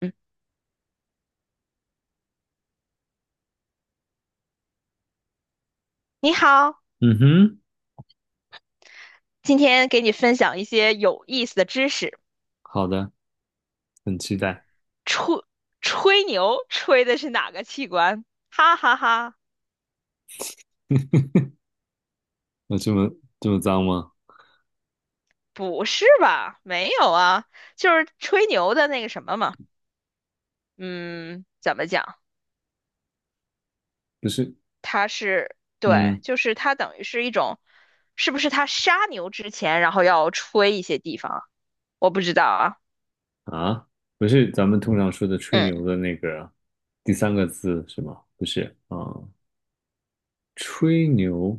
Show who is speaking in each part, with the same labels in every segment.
Speaker 1: 嗯，你好，
Speaker 2: 嗯哼，
Speaker 1: 今天给你分享一些有意思的知识。
Speaker 2: 好的，很期待。
Speaker 1: 吹吹牛吹的是哪个器官？哈哈哈，
Speaker 2: 有这么脏吗？
Speaker 1: 不是吧？没有啊，就是吹牛的那个什么嘛。嗯，怎么讲？
Speaker 2: 不是，
Speaker 1: 它是，对，
Speaker 2: 嗯
Speaker 1: 就是它等于是一种，是不是他杀牛之前，然后要吹一些地方啊？我不知道啊。
Speaker 2: 啊，不是咱们通常说的吹
Speaker 1: 嗯，
Speaker 2: 牛的那个第三个字是吗？不是啊，吹牛。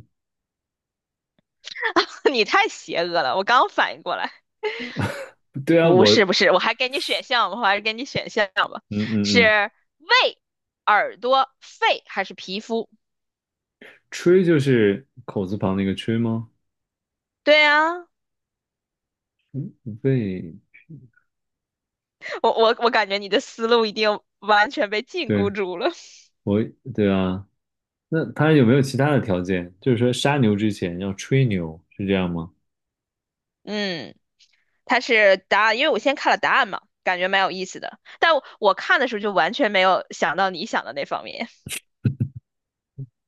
Speaker 1: 你太邪恶了，我刚反应过来。
Speaker 2: 对啊，
Speaker 1: 不是不是，我还是给你选项吧，
Speaker 2: 嗯
Speaker 1: 是
Speaker 2: 嗯嗯。
Speaker 1: 胃、耳朵、肺还是皮肤？
Speaker 2: 吹就是口字旁那个吹吗？
Speaker 1: 对啊，
Speaker 2: 嗯，对
Speaker 1: 我感觉你的思路已经完全被禁锢
Speaker 2: 对，
Speaker 1: 住了。
Speaker 2: 我对啊。那他有没有其他的条件？就是说杀牛之前要吹牛，是这样吗？
Speaker 1: 嗯，它是答案，因为我先看了答案嘛，感觉蛮有意思的。但我看的时候就完全没有想到你想的那方面。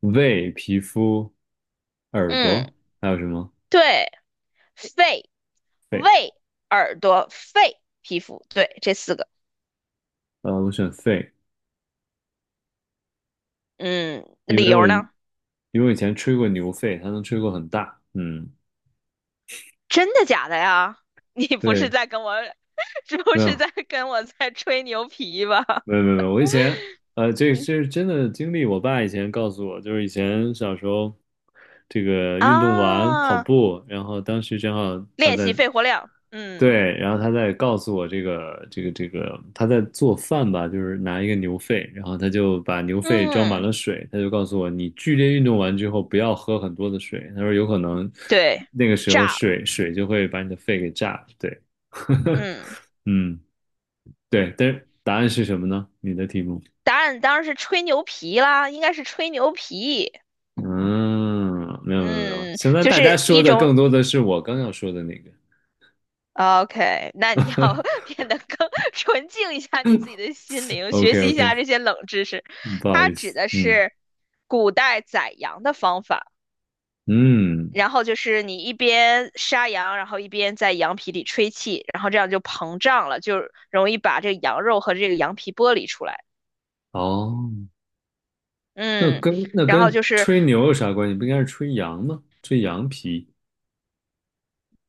Speaker 2: 胃、皮肤、耳
Speaker 1: 嗯，
Speaker 2: 朵，还有什么？
Speaker 1: 对，肺、
Speaker 2: 肺。
Speaker 1: 胃、耳朵、肺、皮肤，对，这四个。
Speaker 2: 我选肺，
Speaker 1: 嗯，
Speaker 2: 因
Speaker 1: 理
Speaker 2: 为我
Speaker 1: 由呢？
Speaker 2: 因为我以前吹过牛肺，它能吹过很大。嗯，
Speaker 1: 真的假的呀？你不是
Speaker 2: 对，
Speaker 1: 在跟我是不
Speaker 2: 没
Speaker 1: 是
Speaker 2: 有，
Speaker 1: 在跟我在吹牛皮吧？
Speaker 2: 没有没有，没有我以前呃，这
Speaker 1: 嗯
Speaker 2: 这是真的经历。我爸以前告诉我，就是以前小时候这个运动完跑
Speaker 1: 啊，
Speaker 2: 步，然后当时正好他
Speaker 1: 练
Speaker 2: 在
Speaker 1: 习肺活量，嗯
Speaker 2: 对，然后他在告诉我这个他在做饭吧，就是拿一个牛肺，然后他就把牛肺装满
Speaker 1: 嗯，
Speaker 2: 了水，他就告诉我，你剧烈运动完之后不要喝很多的水，他说有可能
Speaker 1: 对，
Speaker 2: 那个时候
Speaker 1: 炸了，
Speaker 2: 水就会把你的肺给炸了。对，
Speaker 1: 嗯，
Speaker 2: 嗯，对，但是答案是什么呢？你的题目。
Speaker 1: 答案当然是吹牛皮啦，应该是吹牛皮，
Speaker 2: 嗯，没有没有没有，
Speaker 1: 嗯，
Speaker 2: 现在
Speaker 1: 就
Speaker 2: 大家
Speaker 1: 是
Speaker 2: 说
Speaker 1: 一
Speaker 2: 的
Speaker 1: 种。
Speaker 2: 更多的是我刚要说的那个。
Speaker 1: 啊 OK，那你要 变得更 纯净一下你自己的心灵，
Speaker 2: OK
Speaker 1: 学习一
Speaker 2: OK，
Speaker 1: 下这些冷知识。
Speaker 2: 不好
Speaker 1: 它
Speaker 2: 意
Speaker 1: 指
Speaker 2: 思。
Speaker 1: 的
Speaker 2: 嗯
Speaker 1: 是古代宰羊的方法。
Speaker 2: 嗯，
Speaker 1: 然后就是你一边杀羊，然后一边在羊皮里吹气，然后这样就膨胀了，就容易把这个羊肉和这个羊皮剥离出来。
Speaker 2: 哦，那
Speaker 1: 嗯，
Speaker 2: 跟那
Speaker 1: 然后
Speaker 2: 跟
Speaker 1: 就是
Speaker 2: 吹牛有啥关系？不应该是吹羊吗？吹羊皮。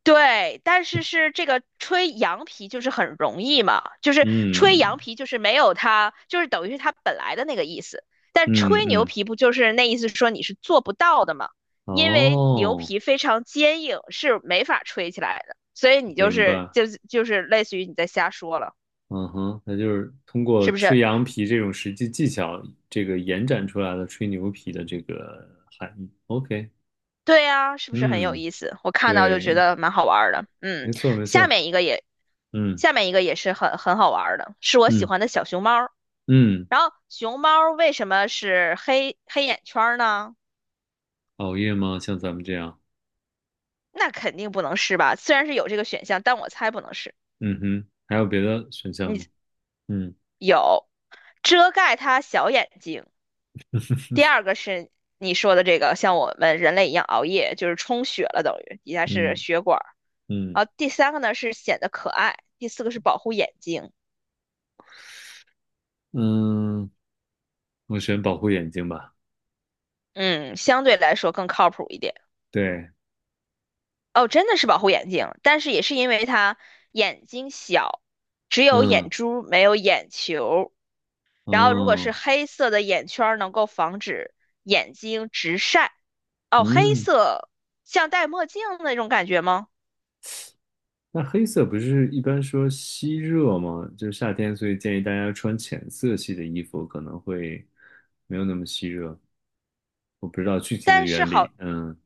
Speaker 1: 对，但是是这个吹羊皮就是很容易嘛，就是吹
Speaker 2: 嗯
Speaker 1: 羊皮就是没有它，就是等于是它本来的那个意思。但
Speaker 2: 嗯
Speaker 1: 吹牛
Speaker 2: 嗯，
Speaker 1: 皮不就是那意思说你是做不到的嘛？因为牛
Speaker 2: 哦，
Speaker 1: 皮非常坚硬，是没法吹起来的，所以你就
Speaker 2: 明
Speaker 1: 是
Speaker 2: 白。
Speaker 1: 就是类似于你在瞎说了。
Speaker 2: 嗯哼，那就是通过
Speaker 1: 是不
Speaker 2: 吹
Speaker 1: 是？
Speaker 2: 羊皮这种实际技巧，这个延展出来的吹牛皮的这个含义。OK，
Speaker 1: 对呀，是不是很有
Speaker 2: 嗯，
Speaker 1: 意思？我看到就觉
Speaker 2: 对，
Speaker 1: 得蛮好玩儿的。嗯，
Speaker 2: 没错没
Speaker 1: 下
Speaker 2: 错。
Speaker 1: 面一个也，
Speaker 2: 嗯。
Speaker 1: 下面一个也是很好玩儿的，是我喜
Speaker 2: 嗯
Speaker 1: 欢的小熊猫儿。
Speaker 2: 嗯，
Speaker 1: 然后熊猫儿为什么是黑黑眼圈儿呢？
Speaker 2: 熬夜吗？像咱们这样。
Speaker 1: 那肯定不能是吧？虽然是有这个选项，但我猜不能是。
Speaker 2: 嗯哼，还有别的选项吗？
Speaker 1: 你
Speaker 2: 嗯
Speaker 1: 有遮盖它小眼睛，第二个是你说的这个，像我们人类一样熬夜，就是充血了，等于底下是
Speaker 2: 嗯
Speaker 1: 血管儿。
Speaker 2: 嗯
Speaker 1: 然后第三个呢是显得可爱，第四个是保护眼睛，
Speaker 2: 嗯，我选保护眼睛吧。
Speaker 1: 嗯，相对来说更靠谱一点。
Speaker 2: 对。
Speaker 1: 哦，真的是保护眼睛，但是也是因为它眼睛小，只有眼
Speaker 2: 嗯
Speaker 1: 珠没有眼球。然后如果是
Speaker 2: 嗯
Speaker 1: 黑色的眼圈儿，能够防止眼睛直晒。哦，黑
Speaker 2: 嗯，
Speaker 1: 色像戴墨镜那种感觉吗？
Speaker 2: 那黑色不是一般说吸热吗？就是夏天，所以建议大家穿浅色系的衣服，可能会没有那么吸热。我不知道具体的
Speaker 1: 但是
Speaker 2: 原
Speaker 1: 好，
Speaker 2: 理。嗯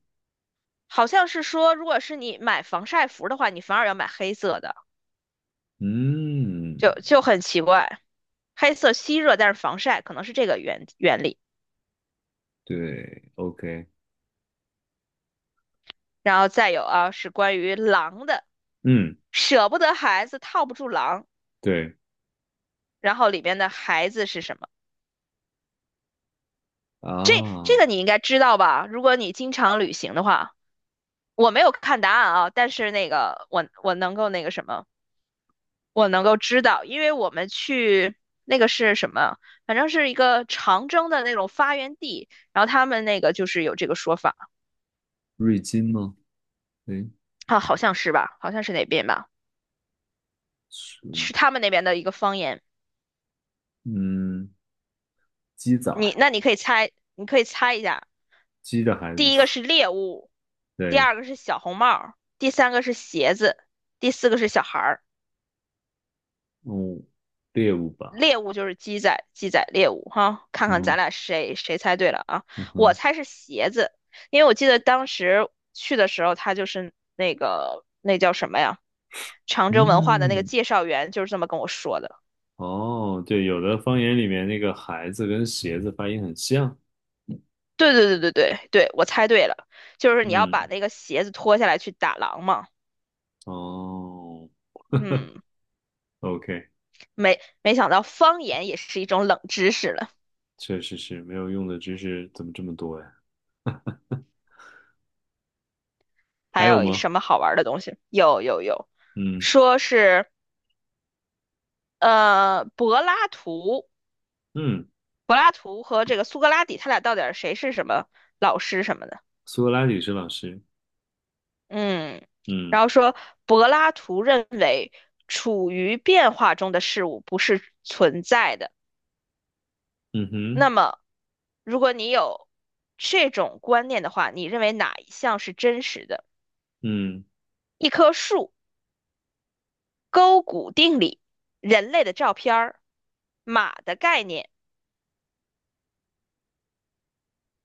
Speaker 1: 好像是说，如果是你买防晒服的话，你反而要买黑色的，
Speaker 2: 嗯，
Speaker 1: 就很奇怪。黑色吸热，但是防晒，可能是这个原理。
Speaker 2: 对，OK。
Speaker 1: 然后再有啊，是关于狼的，
Speaker 2: 嗯，
Speaker 1: 舍不得孩子套不住狼，
Speaker 2: 对
Speaker 1: 然后里边的孩子是什么？这这
Speaker 2: 啊，
Speaker 1: 个你应该知道吧？如果你经常旅行的话，我没有看答案啊，但是那个我能够那个什么，我能够知道，因为我们去那个是什么，反正是一个长征的那种发源地，然后他们那个就是有这个说法
Speaker 2: 瑞金吗？诶
Speaker 1: 啊，好像是吧，好像是哪边吧，
Speaker 2: 是。
Speaker 1: 是他们那边的一个方言。
Speaker 2: 嗯，鸡崽儿，
Speaker 1: 你可以猜，一下，
Speaker 2: 鸡的孩子。
Speaker 1: 第一个 是猎物，第
Speaker 2: 对。
Speaker 1: 二个是小红帽、第三个是鞋子，第四个是小孩儿。
Speaker 2: 嗯，猎物吧。
Speaker 1: 猎物就是鸡仔，鸡仔猎物哈，看
Speaker 2: 嗯
Speaker 1: 看咱
Speaker 2: 哼。
Speaker 1: 俩谁猜对了啊？
Speaker 2: 嗯
Speaker 1: 我
Speaker 2: 哼。
Speaker 1: 猜是鞋子，因为我记得当时去的时候，他就是那个那叫什么呀？长征文化的那个
Speaker 2: 嗯，
Speaker 1: 介绍员就是这么跟我说的。
Speaker 2: 哦，对，有的方言里面那个孩子跟鞋子发音很像。
Speaker 1: 对对对对对对，我猜对了，就是你要把
Speaker 2: 嗯，
Speaker 1: 那个鞋子脱下来去打狼嘛。
Speaker 2: 哦
Speaker 1: 嗯，
Speaker 2: ，OK。
Speaker 1: 没想到方言也是一种冷知识了。
Speaker 2: 确实是没有用的知识怎么这么多呀？
Speaker 1: 还
Speaker 2: 还有
Speaker 1: 有
Speaker 2: 吗？
Speaker 1: 什么好玩的东西？有有有，
Speaker 2: 嗯
Speaker 1: 说是呃柏拉图
Speaker 2: 嗯，
Speaker 1: 柏拉图和这个苏格拉底，他俩到底谁是什么老师什么的？
Speaker 2: 苏格拉底是老师。
Speaker 1: 嗯，
Speaker 2: 嗯
Speaker 1: 然后说柏拉图认为处于变化中的事物不是存在的。
Speaker 2: 嗯
Speaker 1: 那
Speaker 2: 哼。
Speaker 1: 么，如果你有这种观念的话，你认为哪一项是真实的？
Speaker 2: 嗯，
Speaker 1: 一棵树、勾股定理、人类的照片、马的概念，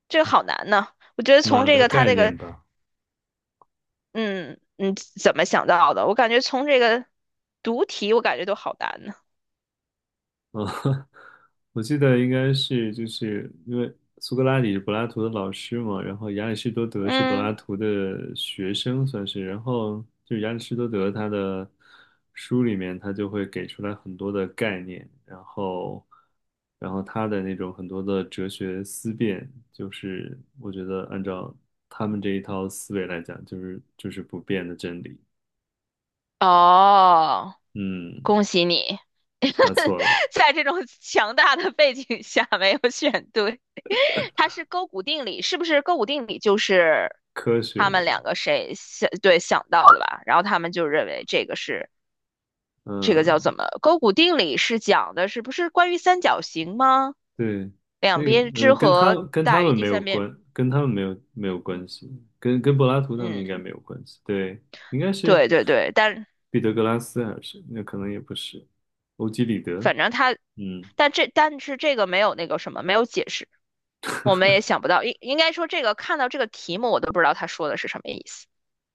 Speaker 1: 这个好难呢。我觉得从
Speaker 2: 马
Speaker 1: 这
Speaker 2: 的
Speaker 1: 个他
Speaker 2: 概
Speaker 1: 这个
Speaker 2: 念吧。
Speaker 1: 嗯，你怎么想到的？我感觉从这个读题，我感觉都好难呢。
Speaker 2: 啊，我记得应该是就是因为苏格拉底是柏拉图的老师嘛，然后亚里士多德是柏
Speaker 1: 嗯，
Speaker 2: 拉图的学生算是，然后就亚里士多德他的书里面他就会给出来很多的概念，然后他的那种很多的哲学思辨，就是我觉得按照他们这一套思维来讲，就是不变的真理。
Speaker 1: 哦，
Speaker 2: 嗯，
Speaker 1: 恭喜你。
Speaker 2: 答错 了，
Speaker 1: 在这种强大的背景下没有选对。它是勾股定理，是不是勾股定理就是
Speaker 2: 科学
Speaker 1: 他们
Speaker 2: 的。
Speaker 1: 两个谁想，对，想到的吧？然后他们就认为这个是这个叫
Speaker 2: 嗯。
Speaker 1: 怎么？勾股定理是讲的是不是关于三角形吗？
Speaker 2: 对，
Speaker 1: 两边之和
Speaker 2: 跟他
Speaker 1: 大于
Speaker 2: 们
Speaker 1: 第
Speaker 2: 没有
Speaker 1: 三边。
Speaker 2: 关，跟他们没有
Speaker 1: 嗯。
Speaker 2: 关系，跟柏拉图他们应该
Speaker 1: 嗯
Speaker 2: 没有关系。对，应该是
Speaker 1: 对对对，但
Speaker 2: 彼得格拉斯还是那可能也不是，欧几里得。
Speaker 1: 反正他，
Speaker 2: 嗯
Speaker 1: 但是这个没有那个什么，没有解释，我们也想不到。应该说，这个看到这个题目，我都不知道他说的是什么意思。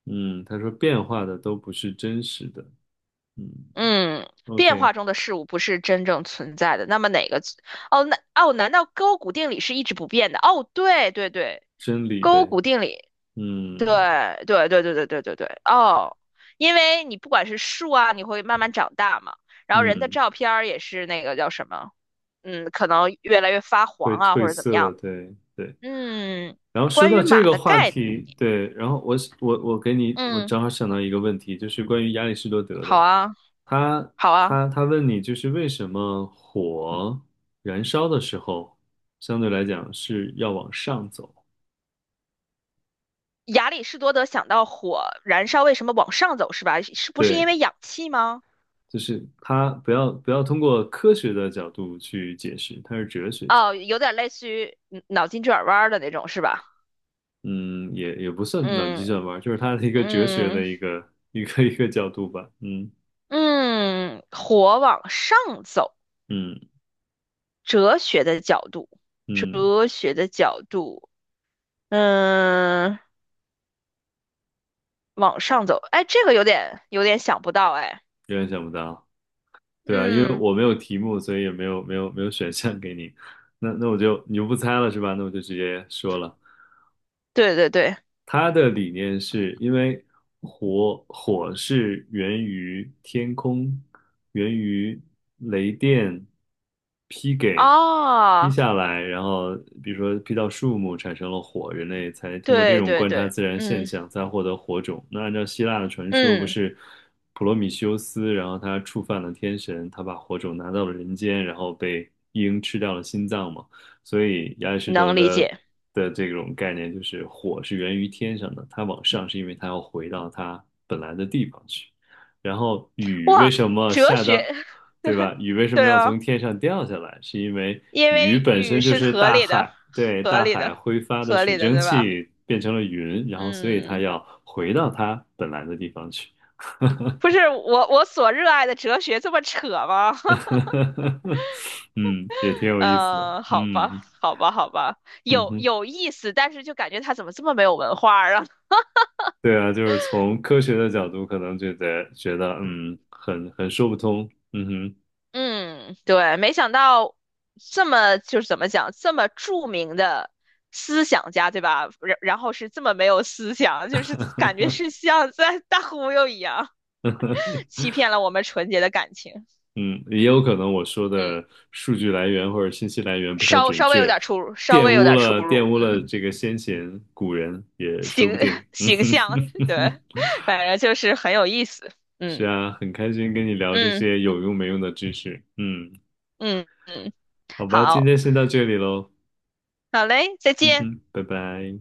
Speaker 2: 嗯，他说变化的都不是真实的。嗯
Speaker 1: 嗯，变
Speaker 2: ，OK，
Speaker 1: 化中的事物不是真正存在的。那么哪个？哦，那哦，难道勾股定理是一直不变的？哦，对对对，
Speaker 2: 真理
Speaker 1: 勾
Speaker 2: 呗。
Speaker 1: 股定理，
Speaker 2: 嗯
Speaker 1: 对对对对对对对对。哦，因为你不管是树啊，你会慢慢长大嘛，然后人的
Speaker 2: 嗯，
Speaker 1: 照片儿也是那个叫什么？可能越来越发
Speaker 2: 会
Speaker 1: 黄啊，
Speaker 2: 褪
Speaker 1: 或者怎么
Speaker 2: 色。
Speaker 1: 样的。
Speaker 2: 对对。
Speaker 1: 嗯，
Speaker 2: 然后说
Speaker 1: 关
Speaker 2: 到
Speaker 1: 于
Speaker 2: 这
Speaker 1: 马
Speaker 2: 个
Speaker 1: 的
Speaker 2: 话
Speaker 1: 概念，
Speaker 2: 题，对，然后我给你，我
Speaker 1: 嗯，
Speaker 2: 正好想到一个问题，就是关于亚里士多德
Speaker 1: 好
Speaker 2: 的，
Speaker 1: 啊，
Speaker 2: 他
Speaker 1: 好啊。
Speaker 2: 他问你，就是为什么火燃烧的时候，相对来讲是要往上走。
Speaker 1: 亚里士多德想到火燃烧为什么往上走是吧？是不是
Speaker 2: 对，
Speaker 1: 因为氧气吗？
Speaker 2: 就是他不要通过科学的角度去解释，他是哲学家。
Speaker 1: 哦，有点类似于脑筋急转弯儿的那种是吧？
Speaker 2: 嗯，也不算脑筋急
Speaker 1: 嗯
Speaker 2: 转弯，就是他的一个哲学
Speaker 1: 嗯
Speaker 2: 的一个角度吧。嗯
Speaker 1: 嗯，火往上走，
Speaker 2: 嗯
Speaker 1: 哲学的角度，
Speaker 2: 嗯，
Speaker 1: 哲学的角度，嗯，往上走，哎，这个有点想不到哎，
Speaker 2: 有点想不到。对啊，因为
Speaker 1: 嗯，
Speaker 2: 我没有题目，所以也没有选项给你。那我就你就不猜了是吧？那我就直接说了。
Speaker 1: 对对对，
Speaker 2: 它的理念是因为火是源于天空，源于雷电劈给劈
Speaker 1: 哦。
Speaker 2: 下来，然后比如说劈到树木产生了火，人类才通过这
Speaker 1: 对
Speaker 2: 种
Speaker 1: 对
Speaker 2: 观察
Speaker 1: 对，
Speaker 2: 自然现象才获得火种。那按照希腊的传说，不
Speaker 1: 嗯，
Speaker 2: 是普罗米修斯，然后他触犯了天神，他把火种拿到了人间，然后被鹰吃掉了心脏吗？所以亚里士多
Speaker 1: 能理
Speaker 2: 德
Speaker 1: 解。
Speaker 2: 的这种概念就是火是源于天上的，它往上是因为它要回到它本来的地方去。然后雨为
Speaker 1: 哇，
Speaker 2: 什么
Speaker 1: 哲
Speaker 2: 下
Speaker 1: 学，
Speaker 2: 到，对吧？雨为什么
Speaker 1: 对
Speaker 2: 要
Speaker 1: 啊，
Speaker 2: 从天上掉下来？是因为
Speaker 1: 因
Speaker 2: 雨
Speaker 1: 为
Speaker 2: 本身
Speaker 1: 语
Speaker 2: 就
Speaker 1: 是
Speaker 2: 是
Speaker 1: 合
Speaker 2: 大
Speaker 1: 理的，
Speaker 2: 海，对，
Speaker 1: 合
Speaker 2: 大
Speaker 1: 理
Speaker 2: 海
Speaker 1: 的，
Speaker 2: 挥发的
Speaker 1: 合
Speaker 2: 水
Speaker 1: 理的，
Speaker 2: 蒸
Speaker 1: 对吧？
Speaker 2: 气变成了云，然后所以它
Speaker 1: 嗯，
Speaker 2: 要回到它本来的地方去。
Speaker 1: 不是我所热爱的哲学这么扯吗？
Speaker 2: 嗯，也挺有意思的。
Speaker 1: 嗯，好
Speaker 2: 嗯
Speaker 1: 吧，好吧，好吧，
Speaker 2: 嗯
Speaker 1: 有
Speaker 2: 哼。
Speaker 1: 有意思，但是就感觉他怎么这么没有文化啊？
Speaker 2: 对啊，就是从科学的角度，可能觉得很说不通。嗯哼，
Speaker 1: 嗯，对，没想到这么就是怎么讲，这么著名的思想家，对吧？然后是这么没有思想，就是感觉是像在大忽悠一样，欺骗了我们纯洁的感情。
Speaker 2: 嗯，也有可能我说
Speaker 1: 嗯，
Speaker 2: 的数据来源或者信息来源不太
Speaker 1: 稍
Speaker 2: 准
Speaker 1: 稍微有
Speaker 2: 确，
Speaker 1: 点出入，稍
Speaker 2: 玷
Speaker 1: 微有
Speaker 2: 污
Speaker 1: 点出
Speaker 2: 了玷
Speaker 1: 入。
Speaker 2: 污
Speaker 1: 嗯，
Speaker 2: 了这个先贤古人也说
Speaker 1: 形
Speaker 2: 不定。嗯
Speaker 1: 形象，
Speaker 2: 哼，
Speaker 1: 对，反正就是很有意思。
Speaker 2: 是
Speaker 1: 嗯
Speaker 2: 啊，很开心跟你聊这
Speaker 1: 嗯
Speaker 2: 些有用没用的知识。嗯，
Speaker 1: 嗯嗯，
Speaker 2: 好吧，今
Speaker 1: 好，
Speaker 2: 天先到这里喽。
Speaker 1: 好嘞，再
Speaker 2: 嗯
Speaker 1: 见。
Speaker 2: 哼，拜拜。